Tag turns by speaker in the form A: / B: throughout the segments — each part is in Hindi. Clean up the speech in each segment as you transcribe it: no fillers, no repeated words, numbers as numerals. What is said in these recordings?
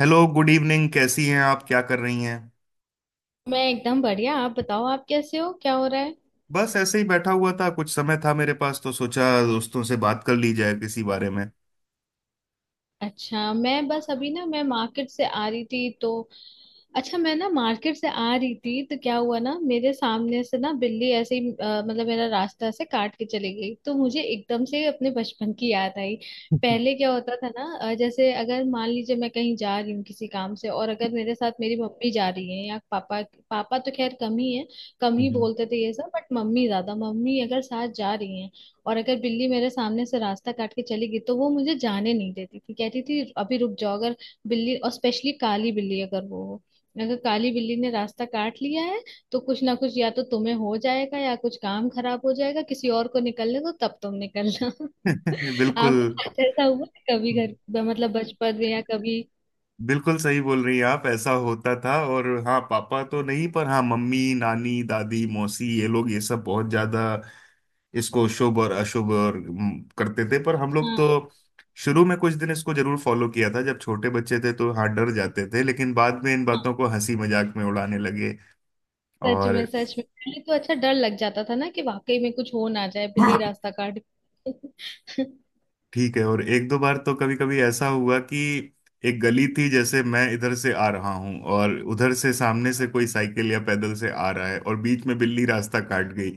A: Hello, good evening. कैसी हैं आप? क्या कर रही हैं?
B: मैं एकदम बढ़िया। आप बताओ, आप कैसे हो? क्या हो रहा है?
A: बस ऐसे ही बैठा हुआ था, कुछ समय था मेरे पास तो सोचा दोस्तों से बात कर ली जाए किसी बारे में।
B: अच्छा, मैं बस अभी ना मैं मार्केट से आ रही थी तो अच्छा, मैं ना मार्केट से आ रही थी तो क्या हुआ ना, मेरे सामने से ना बिल्ली ऐसे ही मतलब मेरा रास्ता ऐसे काट के चली गई, तो मुझे एकदम से अपने बचपन की याद आई। पहले क्या होता था ना, जैसे अगर मान लीजिए मैं कहीं जा रही हूँ किसी काम से, और अगर मेरे साथ मेरी मम्मी जा रही है या पापा। पापा तो खैर कम ही है, कम ही
A: हम्म।
B: बोलते थे ये सब, बट मम्मी ज्यादा। मम्मी अगर साथ जा रही है और अगर बिल्ली मेरे सामने से रास्ता काट के चली गई, तो वो मुझे जाने नहीं देती थी। कहती थी अभी रुक जाओ। अगर बिल्ली, और स्पेशली काली बिल्ली अगर वो हो, अगर काली बिल्ली ने रास्ता काट लिया है, तो कुछ ना कुछ या तो तुम्हें हो जाएगा या कुछ काम खराब हो जाएगा। किसी और को निकलने दो, तब तुम निकलना।
A: बिल्कुल।
B: आपके साथ ऐसा हुआ है कभी, घर मतलब बचपन में या कभी?
A: बिल्कुल सही बोल रही हैं आप, ऐसा होता था। और हाँ, पापा तो नहीं, पर हाँ मम्मी नानी दादी मौसी, ये लोग ये सब बहुत ज्यादा इसको शुभ और अशुभ और करते थे। पर हम लोग
B: हाँ।
A: तो शुरू में कुछ दिन इसको जरूर फॉलो किया था, जब छोटे बच्चे थे तो हाँ डर जाते थे, लेकिन बाद में इन
B: हाँ।
A: बातों को हंसी मजाक में उड़ाने लगे।
B: सच
A: और
B: में, सच में पहले तो अच्छा डर लग जाता था ना, कि वाकई में कुछ हो ना जाए, बिल्ली रास्ता काट गई।
A: ठीक है। और एक दो बार तो कभी कभी ऐसा हुआ कि एक गली थी, जैसे मैं इधर से आ रहा हूं और उधर से सामने से कोई साइकिल या पैदल से आ रहा है और बीच में बिल्ली रास्ता काट गई।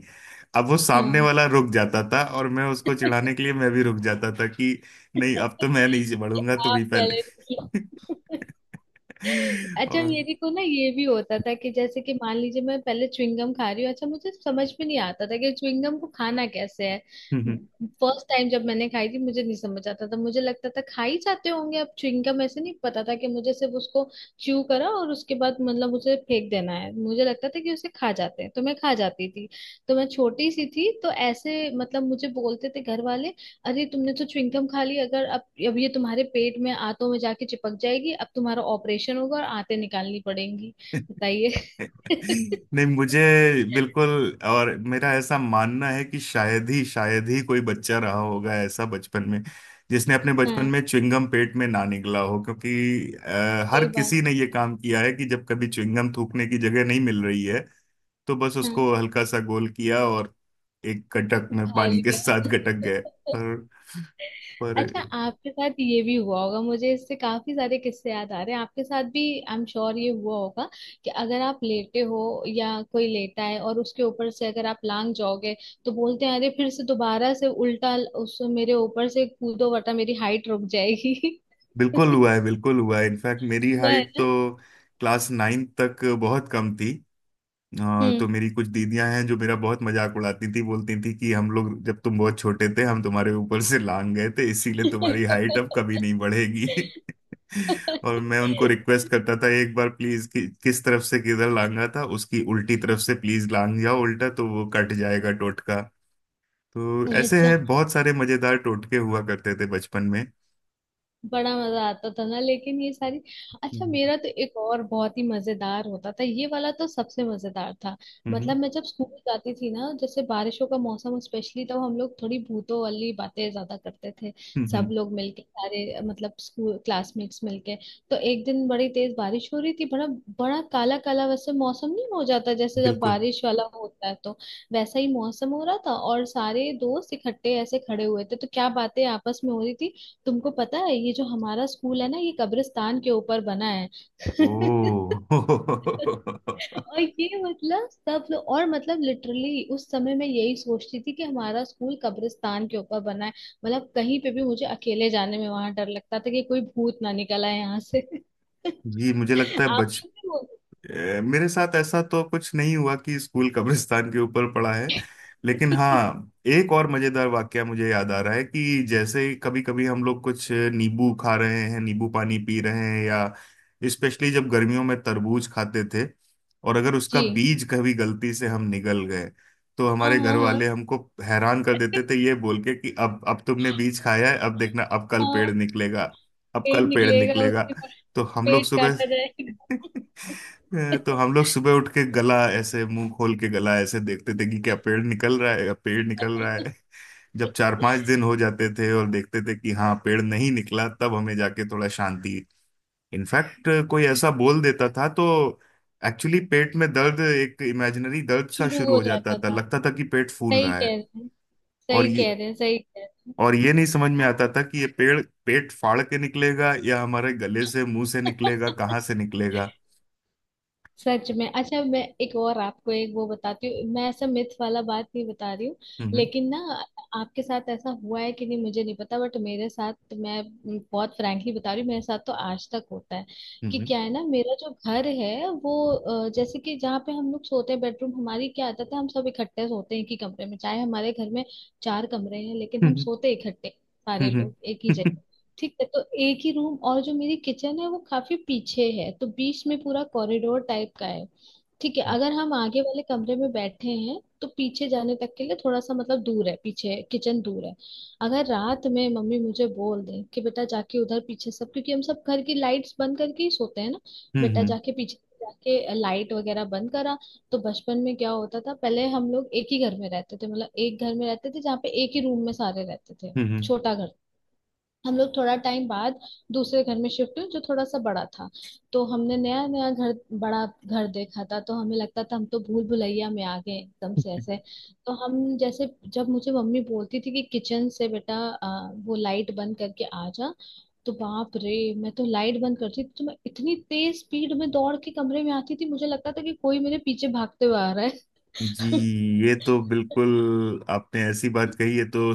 A: अब वो सामने
B: हाँ।
A: वाला रुक जाता था और मैं उसको चिढ़ाने के लिए मैं भी रुक जाता था कि नहीं, अब तो मैं नहीं
B: कि
A: बढ़ूंगा, तुम ही
B: आप
A: पहले।
B: पहले। अच्छा,
A: और
B: मेरे को ना ये भी होता था कि, जैसे कि मान लीजिए मैं पहले च्युइंगम खा रही हूँ। अच्छा, मुझे समझ में नहीं आता था कि च्युइंगम को खाना कैसे है। फर्स्ट टाइम जब मैंने खाई थी, मुझे नहीं समझ आता था, मुझे लगता था खा ही जाते होंगे। अब च्युइंगम ऐसे, नहीं पता था कि मुझे सिर्फ उसको च्यू करा और उसके बाद मतलब उसे फेंक देना है। मुझे लगता था कि उसे खा जाते हैं, तो मैं खा जाती थी। तो मैं छोटी सी थी तो ऐसे, मतलब मुझे बोलते थे घर वाले, अरे तुमने तो च्युइंगम खा ली, अगर अब ये तुम्हारे पेट में आंतों में जाके चिपक जाएगी, अब तुम्हारा ऑपरेशन होगा और आंतें निकालनी पड़ेंगी।
A: नहीं।
B: बताइए।
A: मुझे। बिल्कुल। और मेरा ऐसा मानना है कि शायद ही कोई बच्चा रहा होगा ऐसा बचपन में जिसने अपने बचपन
B: हाँ।
A: में च्युइंगम पेट में ना निगला हो, क्योंकि हर
B: सही बात।
A: किसी ने ये काम किया है कि जब कभी च्युइंगम थूकने की जगह नहीं मिल रही है तो बस
B: हाँ।
A: उसको हल्का सा गोल किया और एक गटक में
B: खा
A: पानी के
B: लिया।
A: साथ गटक गए। पर पर
B: अच्छा, आपके साथ ये भी हुआ होगा, मुझे इससे काफी सारे किस्से याद आ रहे हैं आपके साथ भी। आई एम श्योर ये हुआ होगा कि अगर आप लेटे हो या कोई लेटा है, और उसके ऊपर से अगर आप लांग जाओगे, तो बोलते हैं अरे फिर से दोबारा से उल्टा उस, मेरे ऊपर से कूदो वरना मेरी हाइट रुक जाएगी।
A: बिल्कुल
B: वो।
A: हुआ है, बिल्कुल हुआ है। इनफैक्ट मेरी
B: है
A: हाइट तो
B: ना?
A: क्लास 9 तक बहुत कम थी।
B: हम्म।
A: तो मेरी कुछ दीदियां हैं जो मेरा बहुत मजाक उड़ाती थी, बोलती थी कि हम लोग जब तुम बहुत छोटे थे हम तुम्हारे ऊपर से लांग गए थे, इसीलिए तुम्हारी हाइट अब कभी नहीं बढ़ेगी। और मैं उनको रिक्वेस्ट करता था, एक बार प्लीज कि, किस तरफ से किधर लांगा था, उसकी उल्टी तरफ से प्लीज लांग जाओ, उल्टा तो वो कट जाएगा टोटका। तो ऐसे
B: अच्छा,
A: हैं बहुत सारे मजेदार टोटके हुआ करते थे बचपन में।
B: बड़ा मजा आता था ना, लेकिन ये सारी। अच्छा,
A: हम्म।
B: मेरा तो एक और बहुत ही मजेदार होता था, ये वाला तो सबसे मजेदार था।
A: हम्म।
B: मतलब मैं जब स्कूल जाती थी ना, जैसे बारिशों का मौसम स्पेशली, तब हम लोग थोड़ी भूतों वाली बातें ज्यादा करते थे।
A: हम्म,
B: सब
A: हम्म,
B: लोग मिलके सारे, मतलब स्कूल क्लासमेट्स मिलके, तो एक दिन बड़ी तेज बारिश हो रही थी। बड़ा, बड़ा काला काला वैसे मौसम नहीं हो जाता, जैसे जब
A: बिल्कुल।
B: बारिश वाला होता है तो? वैसा ही मौसम हो रहा था, और सारे दोस्त इकट्ठे ऐसे खड़े हुए थे। तो क्या बातें आपस में हो रही थी, तुमको पता है ये जो हमारा स्कूल है ना, ये कब्रिस्तान के ऊपर बना है।
A: ओह।
B: और ये मतलब सब लोग, और मतलब लिटरली उस समय मैं यही सोचती थी कि हमारा स्कूल कब्रिस्तान के ऊपर बना है। मतलब कहीं पे भी मुझे अकेले जाने में वहां डर लगता था कि कोई भूत ना निकल आए यहाँ से।
A: जी, मुझे लगता है
B: आप
A: बच
B: लोग भी वो।
A: मेरे साथ ऐसा तो कुछ नहीं हुआ कि स्कूल कब्रिस्तान के ऊपर पड़ा है। लेकिन हाँ, एक और मजेदार वाकया मुझे याद आ रहा है कि जैसे कभी कभी हम लोग कुछ नींबू खा रहे हैं, नींबू पानी पी रहे हैं, या स्पेशली जब गर्मियों में तरबूज खाते थे, और अगर उसका
B: जी।
A: बीज कभी गलती से हम निगल गए तो
B: हाँ,
A: हमारे घर
B: हाँ, हाँ।
A: वाले हमको हैरान कर देते थे ये बोल के कि अब तुमने बीज खाया है, अब देखना, अब कल पेड़
B: हाँ,
A: निकलेगा। अब
B: पेड़
A: कल पेड़
B: निकलेगा
A: निकलेगा।
B: उसके बाद
A: तो हम लोग
B: पेट
A: सुबह
B: काटा
A: तो हम लोग सुबह उठ के गला ऐसे, मुंह खोल के गला ऐसे देखते थे कि क्या पेड़ निकल रहा है, पेड़ निकल रहा
B: जाएगा।
A: है। जब 4-5 दिन हो जाते थे और देखते थे कि हाँ पेड़ नहीं निकला तब हमें जाके थोड़ा शांति। इनफैक्ट कोई ऐसा बोल देता था तो एक्चुअली पेट में दर्द, एक इमेजिनरी दर्द सा
B: शुरू
A: शुरू
B: हो
A: हो जाता
B: जाता
A: था,
B: था।
A: लगता था कि पेट फूल
B: सही
A: रहा
B: कह
A: है।
B: रहे हैं,
A: और
B: सही
A: ये
B: कह रहे हैं, सही कह रहे हैं।
A: और ये नहीं समझ में आता था कि ये पेड़ पेट फाड़ के निकलेगा या हमारे गले से मुंह से निकलेगा, कहाँ से निकलेगा।
B: सच में। अच्छा, मैं एक और आपको एक वो बताती हूँ, मैं ऐसा मिथ वाला बात नहीं बता रही हूँ,
A: हम्म।
B: लेकिन ना आपके साथ ऐसा हुआ है कि नहीं, मुझे नहीं पता, बट मेरे साथ, मैं बहुत फ्रैंकली बता रही हूँ, मेरे साथ तो आज तक होता है कि
A: हम्म।
B: क्या है ना, मेरा जो घर है वो जैसे कि जहाँ पे हम लोग सोते हैं बेडरूम, हमारी क्या आदत है, हम सब इकट्ठे सोते हैं एक ही कमरे में। चाहे हमारे घर में चार कमरे हैं, लेकिन
A: हम्म।
B: हम
A: हम्म।
B: सोते इकट्ठे,
A: हम्म,
B: सारे
A: हम्म।
B: लोग एक ही
A: हम्म, हम्म।
B: जगह। ठीक है, तो एक ही रूम, और जो मेरी किचन है वो काफी पीछे है, तो बीच में पूरा कॉरिडोर टाइप का है। ठीक है,
A: हम्म।
B: अगर हम आगे वाले कमरे में बैठे हैं, तो पीछे जाने तक के लिए थोड़ा सा मतलब दूर है, पीछे किचन दूर है। अगर रात में मम्मी मुझे बोल दें कि बेटा जाके उधर पीछे सब, क्योंकि हम सब घर की लाइट्स बंद करके ही सोते हैं ना, बेटा
A: हम्म।
B: जाके पीछे जाके लाइट वगैरह बंद करा। तो बचपन में क्या होता था, पहले हम लोग एक ही घर में रहते थे, मतलब एक घर में रहते थे जहाँ पे एक ही रूम में सारे रहते थे।
A: हम्म, हम्म।
B: छोटा घर। हम लोग थोड़ा टाइम बाद दूसरे घर में शिफ्ट हुए, जो थोड़ा सा बड़ा था। तो हमने नया नया घर, बड़ा घर देखा था, तो हमें लगता था हम तो भूल भुलैया में आ गए एकदम से ऐसे। तो हम जैसे, जब मुझे मम्मी बोलती थी कि किचन से बेटा आ, वो लाइट बंद करके आ जा, तो बाप रे! मैं तो लाइट बंद करती थी तो मैं इतनी तेज स्पीड में दौड़ के कमरे में आती थी, मुझे लगता था कि कोई मेरे पीछे भागते हुए आ रहा है।
A: जी। ये तो बिल्कुल आपने ऐसी बात कही है तो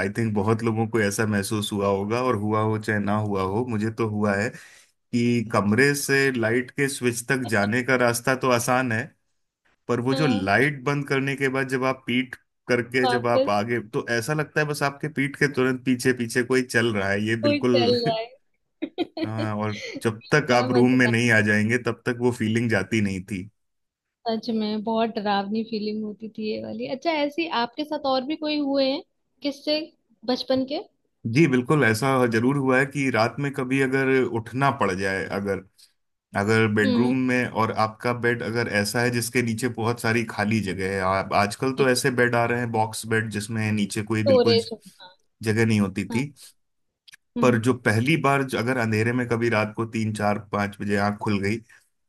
A: आई थिंक बहुत लोगों को ऐसा महसूस हुआ होगा, और हुआ हो चाहे ना हुआ हो, मुझे तो हुआ है कि कमरे से लाइट के स्विच तक जाने का रास्ता तो आसान है, पर वो जो
B: हाँ।
A: लाइट बंद करने के बाद जब आप पीठ करके जब आप
B: वापस
A: आगे, तो ऐसा लगता है बस आपके पीठ के तुरंत पीछे पीछे कोई चल रहा है, ये
B: कोई चल
A: बिल्कुल।
B: रहा है।
A: हाँ, और जब तक
B: बड़ा
A: आप रूम में
B: मजेदार।
A: नहीं आ जाएंगे तब तक वो फीलिंग जाती नहीं।
B: सच में बहुत डरावनी फीलिंग होती थी ये वाली। अच्छा, ऐसी आपके साथ और भी कोई हुए हैं किससे, बचपन के?
A: जी बिल्कुल, ऐसा जरूर हुआ है कि रात में कभी अगर उठना पड़ जाए, अगर, अगर
B: हम्म।
A: बेडरूम में, और आपका बेड अगर ऐसा है जिसके नीचे बहुत सारी खाली जगह है, आप आजकल तो ऐसे बेड आ रहे हैं, बॉक्स बेड जिसमें नीचे कोई बिल्कुल
B: स्टोरेज। हाँ।
A: जगह नहीं होती
B: हाँ।
A: थी, पर
B: हम्म।
A: जो पहली बार, जो अगर अंधेरे में कभी रात को 3-4-5 बजे आंख खुल गई,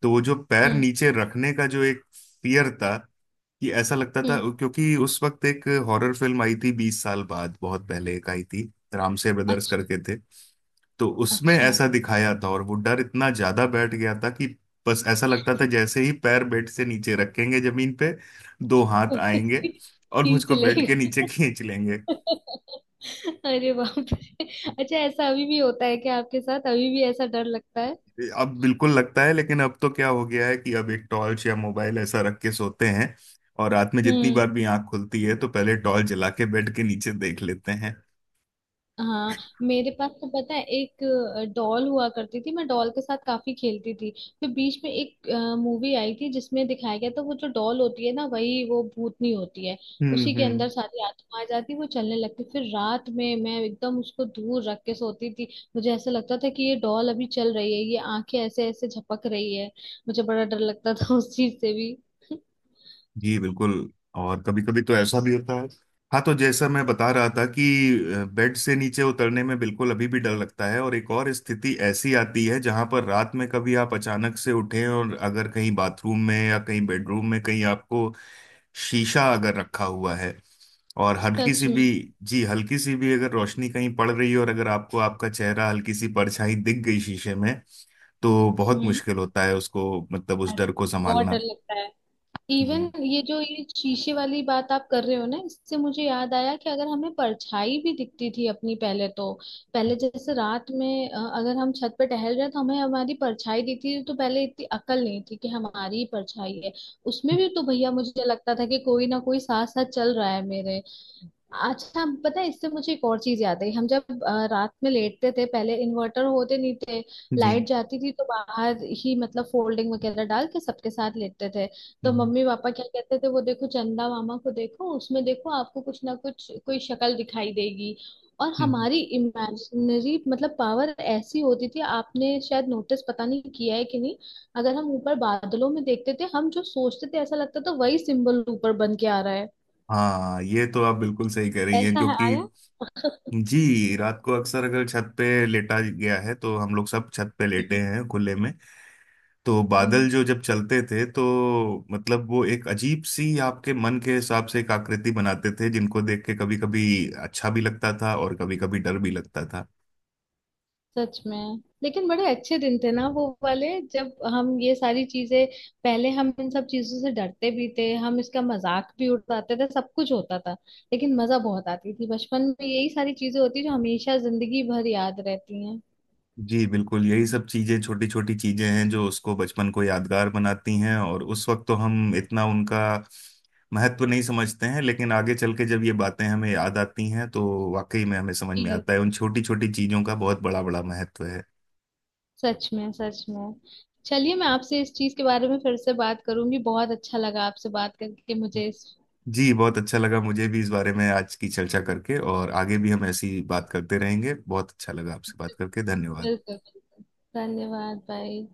A: तो वो जो पैर
B: हम्म।
A: नीचे रखने का जो एक फियर था, कि ऐसा लगता था
B: हम्म।
A: क्योंकि उस वक्त एक हॉरर फिल्म आई थी 20 साल बाद, बहुत पहले एक आई थी, रामसे ब्रदर्स
B: अच्छा।
A: करके थे। तो उसमें
B: अच्छा।
A: ऐसा दिखाया था और वो डर इतना ज्यादा बैठ गया था कि बस ऐसा लगता था जैसे ही पैर बेड से नीचे रखेंगे जमीन पे, दो हाथ आएंगे और
B: खींच
A: मुझको बेड के नीचे
B: लेगा।
A: खींच लेंगे।
B: अरे बाप रे! अच्छा, ऐसा अभी भी होता है क्या आपके साथ, अभी भी ऐसा डर लगता है?
A: अब बिल्कुल लगता है, लेकिन अब तो क्या हो गया है कि अब एक टॉर्च या मोबाइल ऐसा रख के सोते हैं, और रात में जितनी
B: हम्म।
A: बार भी आंख खुलती है तो पहले टॉर्च जला के बेड के नीचे देख लेते हैं।
B: हाँ। मेरे पास तो पता है एक डॉल हुआ करती थी, मैं डॉल के साथ काफी खेलती थी। फिर बीच में एक मूवी आई थी जिसमें दिखाया गया था वो जो डॉल होती है ना, वही वो भूतनी होती है,
A: हम्म।
B: उसी के
A: हम्म।
B: अंदर सारी आत्मा आ जाती, वो चलने लगती। फिर रात में मैं एकदम उसको दूर रख के सोती थी, मुझे ऐसा लगता था कि ये डॉल अभी चल रही है, ये आंखें ऐसे ऐसे झपक रही है। मुझे बड़ा डर लगता था उस चीज से भी।
A: जी बिल्कुल। और कभी कभी तो ऐसा भी होता है। हाँ, तो जैसा मैं बता रहा था कि बेड से नीचे उतरने में बिल्कुल अभी भी डर लगता है, और एक और स्थिति ऐसी आती है जहां पर रात में कभी आप अचानक से उठें, और अगर कहीं बाथरूम में या कहीं बेडरूम में कहीं आपको शीशा अगर रखा हुआ है, और हल्की
B: सच
A: सी
B: में।
A: भी, जी, हल्की सी भी अगर रोशनी कहीं पड़ रही है, और अगर आपको आपका चेहरा, हल्की सी परछाई दिख गई शीशे में, तो बहुत
B: हम्म।
A: मुश्किल होता है उसको, मतलब उस
B: अरे,
A: डर को
B: बहुत डर
A: संभालना।
B: लगता है। इवन
A: जी।
B: ये जो ये शीशे वाली बात आप कर रहे हो ना, इससे मुझे याद आया कि अगर हमें परछाई भी दिखती थी अपनी पहले तो, पहले जैसे रात में अगर हम छत पे टहल रहे हैं तो हमें हमारी परछाई दिखती थी, तो पहले इतनी अकल नहीं थी कि हमारी ही परछाई है। उसमें भी तो भैया मुझे लगता था कि कोई ना कोई साथ साथ चल रहा है मेरे। अच्छा, पता है इससे मुझे एक और चीज याद आई, हम जब रात में लेटते थे, पहले इन्वर्टर होते नहीं थे, लाइट जाती थी तो बाहर ही मतलब फोल्डिंग वगैरह डाल के सबके साथ लेटते थे। तो मम्मी पापा क्या कहते थे, वो देखो चंदा मामा को देखो, उसमें देखो आपको कुछ ना कुछ कोई शक्ल दिखाई देगी। और
A: जी
B: हमारी इमेजिनरी मतलब पावर ऐसी होती थी, आपने शायद नोटिस पता नहीं किया है कि नहीं, अगर हम ऊपर बादलों में देखते थे, हम जो सोचते थे ऐसा लगता था वही सिंबल ऊपर बन के आ रहा है।
A: हाँ, ये तो आप बिल्कुल सही कह रही हैं,
B: ऐसा है
A: क्योंकि
B: आया।
A: जी, रात को अक्सर अगर छत पे लेटा गया है, तो हम लोग सब छत पे लेटे हैं खुले में, तो
B: हम्म।
A: बादल जो जब चलते थे तो मतलब वो एक अजीब सी आपके मन के हिसाब से एक आकृति बनाते थे, जिनको देख के कभी कभी अच्छा भी लगता था और कभी कभी डर भी लगता था।
B: सच में, लेकिन बड़े अच्छे दिन थे ना वो वाले, जब हम ये सारी चीजें, पहले हम इन सब चीजों से डरते भी थे, हम इसका मजाक भी उड़ाते थे, सब कुछ होता था, लेकिन मजा बहुत आती थी। बचपन में यही सारी चीजें होती जो हमेशा जिंदगी भर याद रहती हैं।
A: जी बिल्कुल, यही सब चीजें, छोटी छोटी चीजें हैं जो उसको बचपन को यादगार बनाती हैं, और उस वक्त तो हम इतना उनका महत्व नहीं समझते हैं, लेकिन आगे चल के जब ये बातें हमें याद आती हैं, तो वाकई में हमें समझ में
B: जी।
A: आता है उन छोटी छोटी चीजों का बहुत बड़ा बड़ा महत्व है।
B: सच में, सच में। चलिए, मैं आपसे इस चीज के बारे में फिर से बात करूंगी, बहुत अच्छा लगा आपसे बात करके मुझे इस।
A: जी बहुत अच्छा लगा मुझे भी, इस बारे में आज की चर्चा करके, और आगे भी हम ऐसी बात करते रहेंगे। बहुत अच्छा लगा आपसे बात करके। धन्यवाद।
B: बिल्कुल बिल्कुल। धन्यवाद, बाय।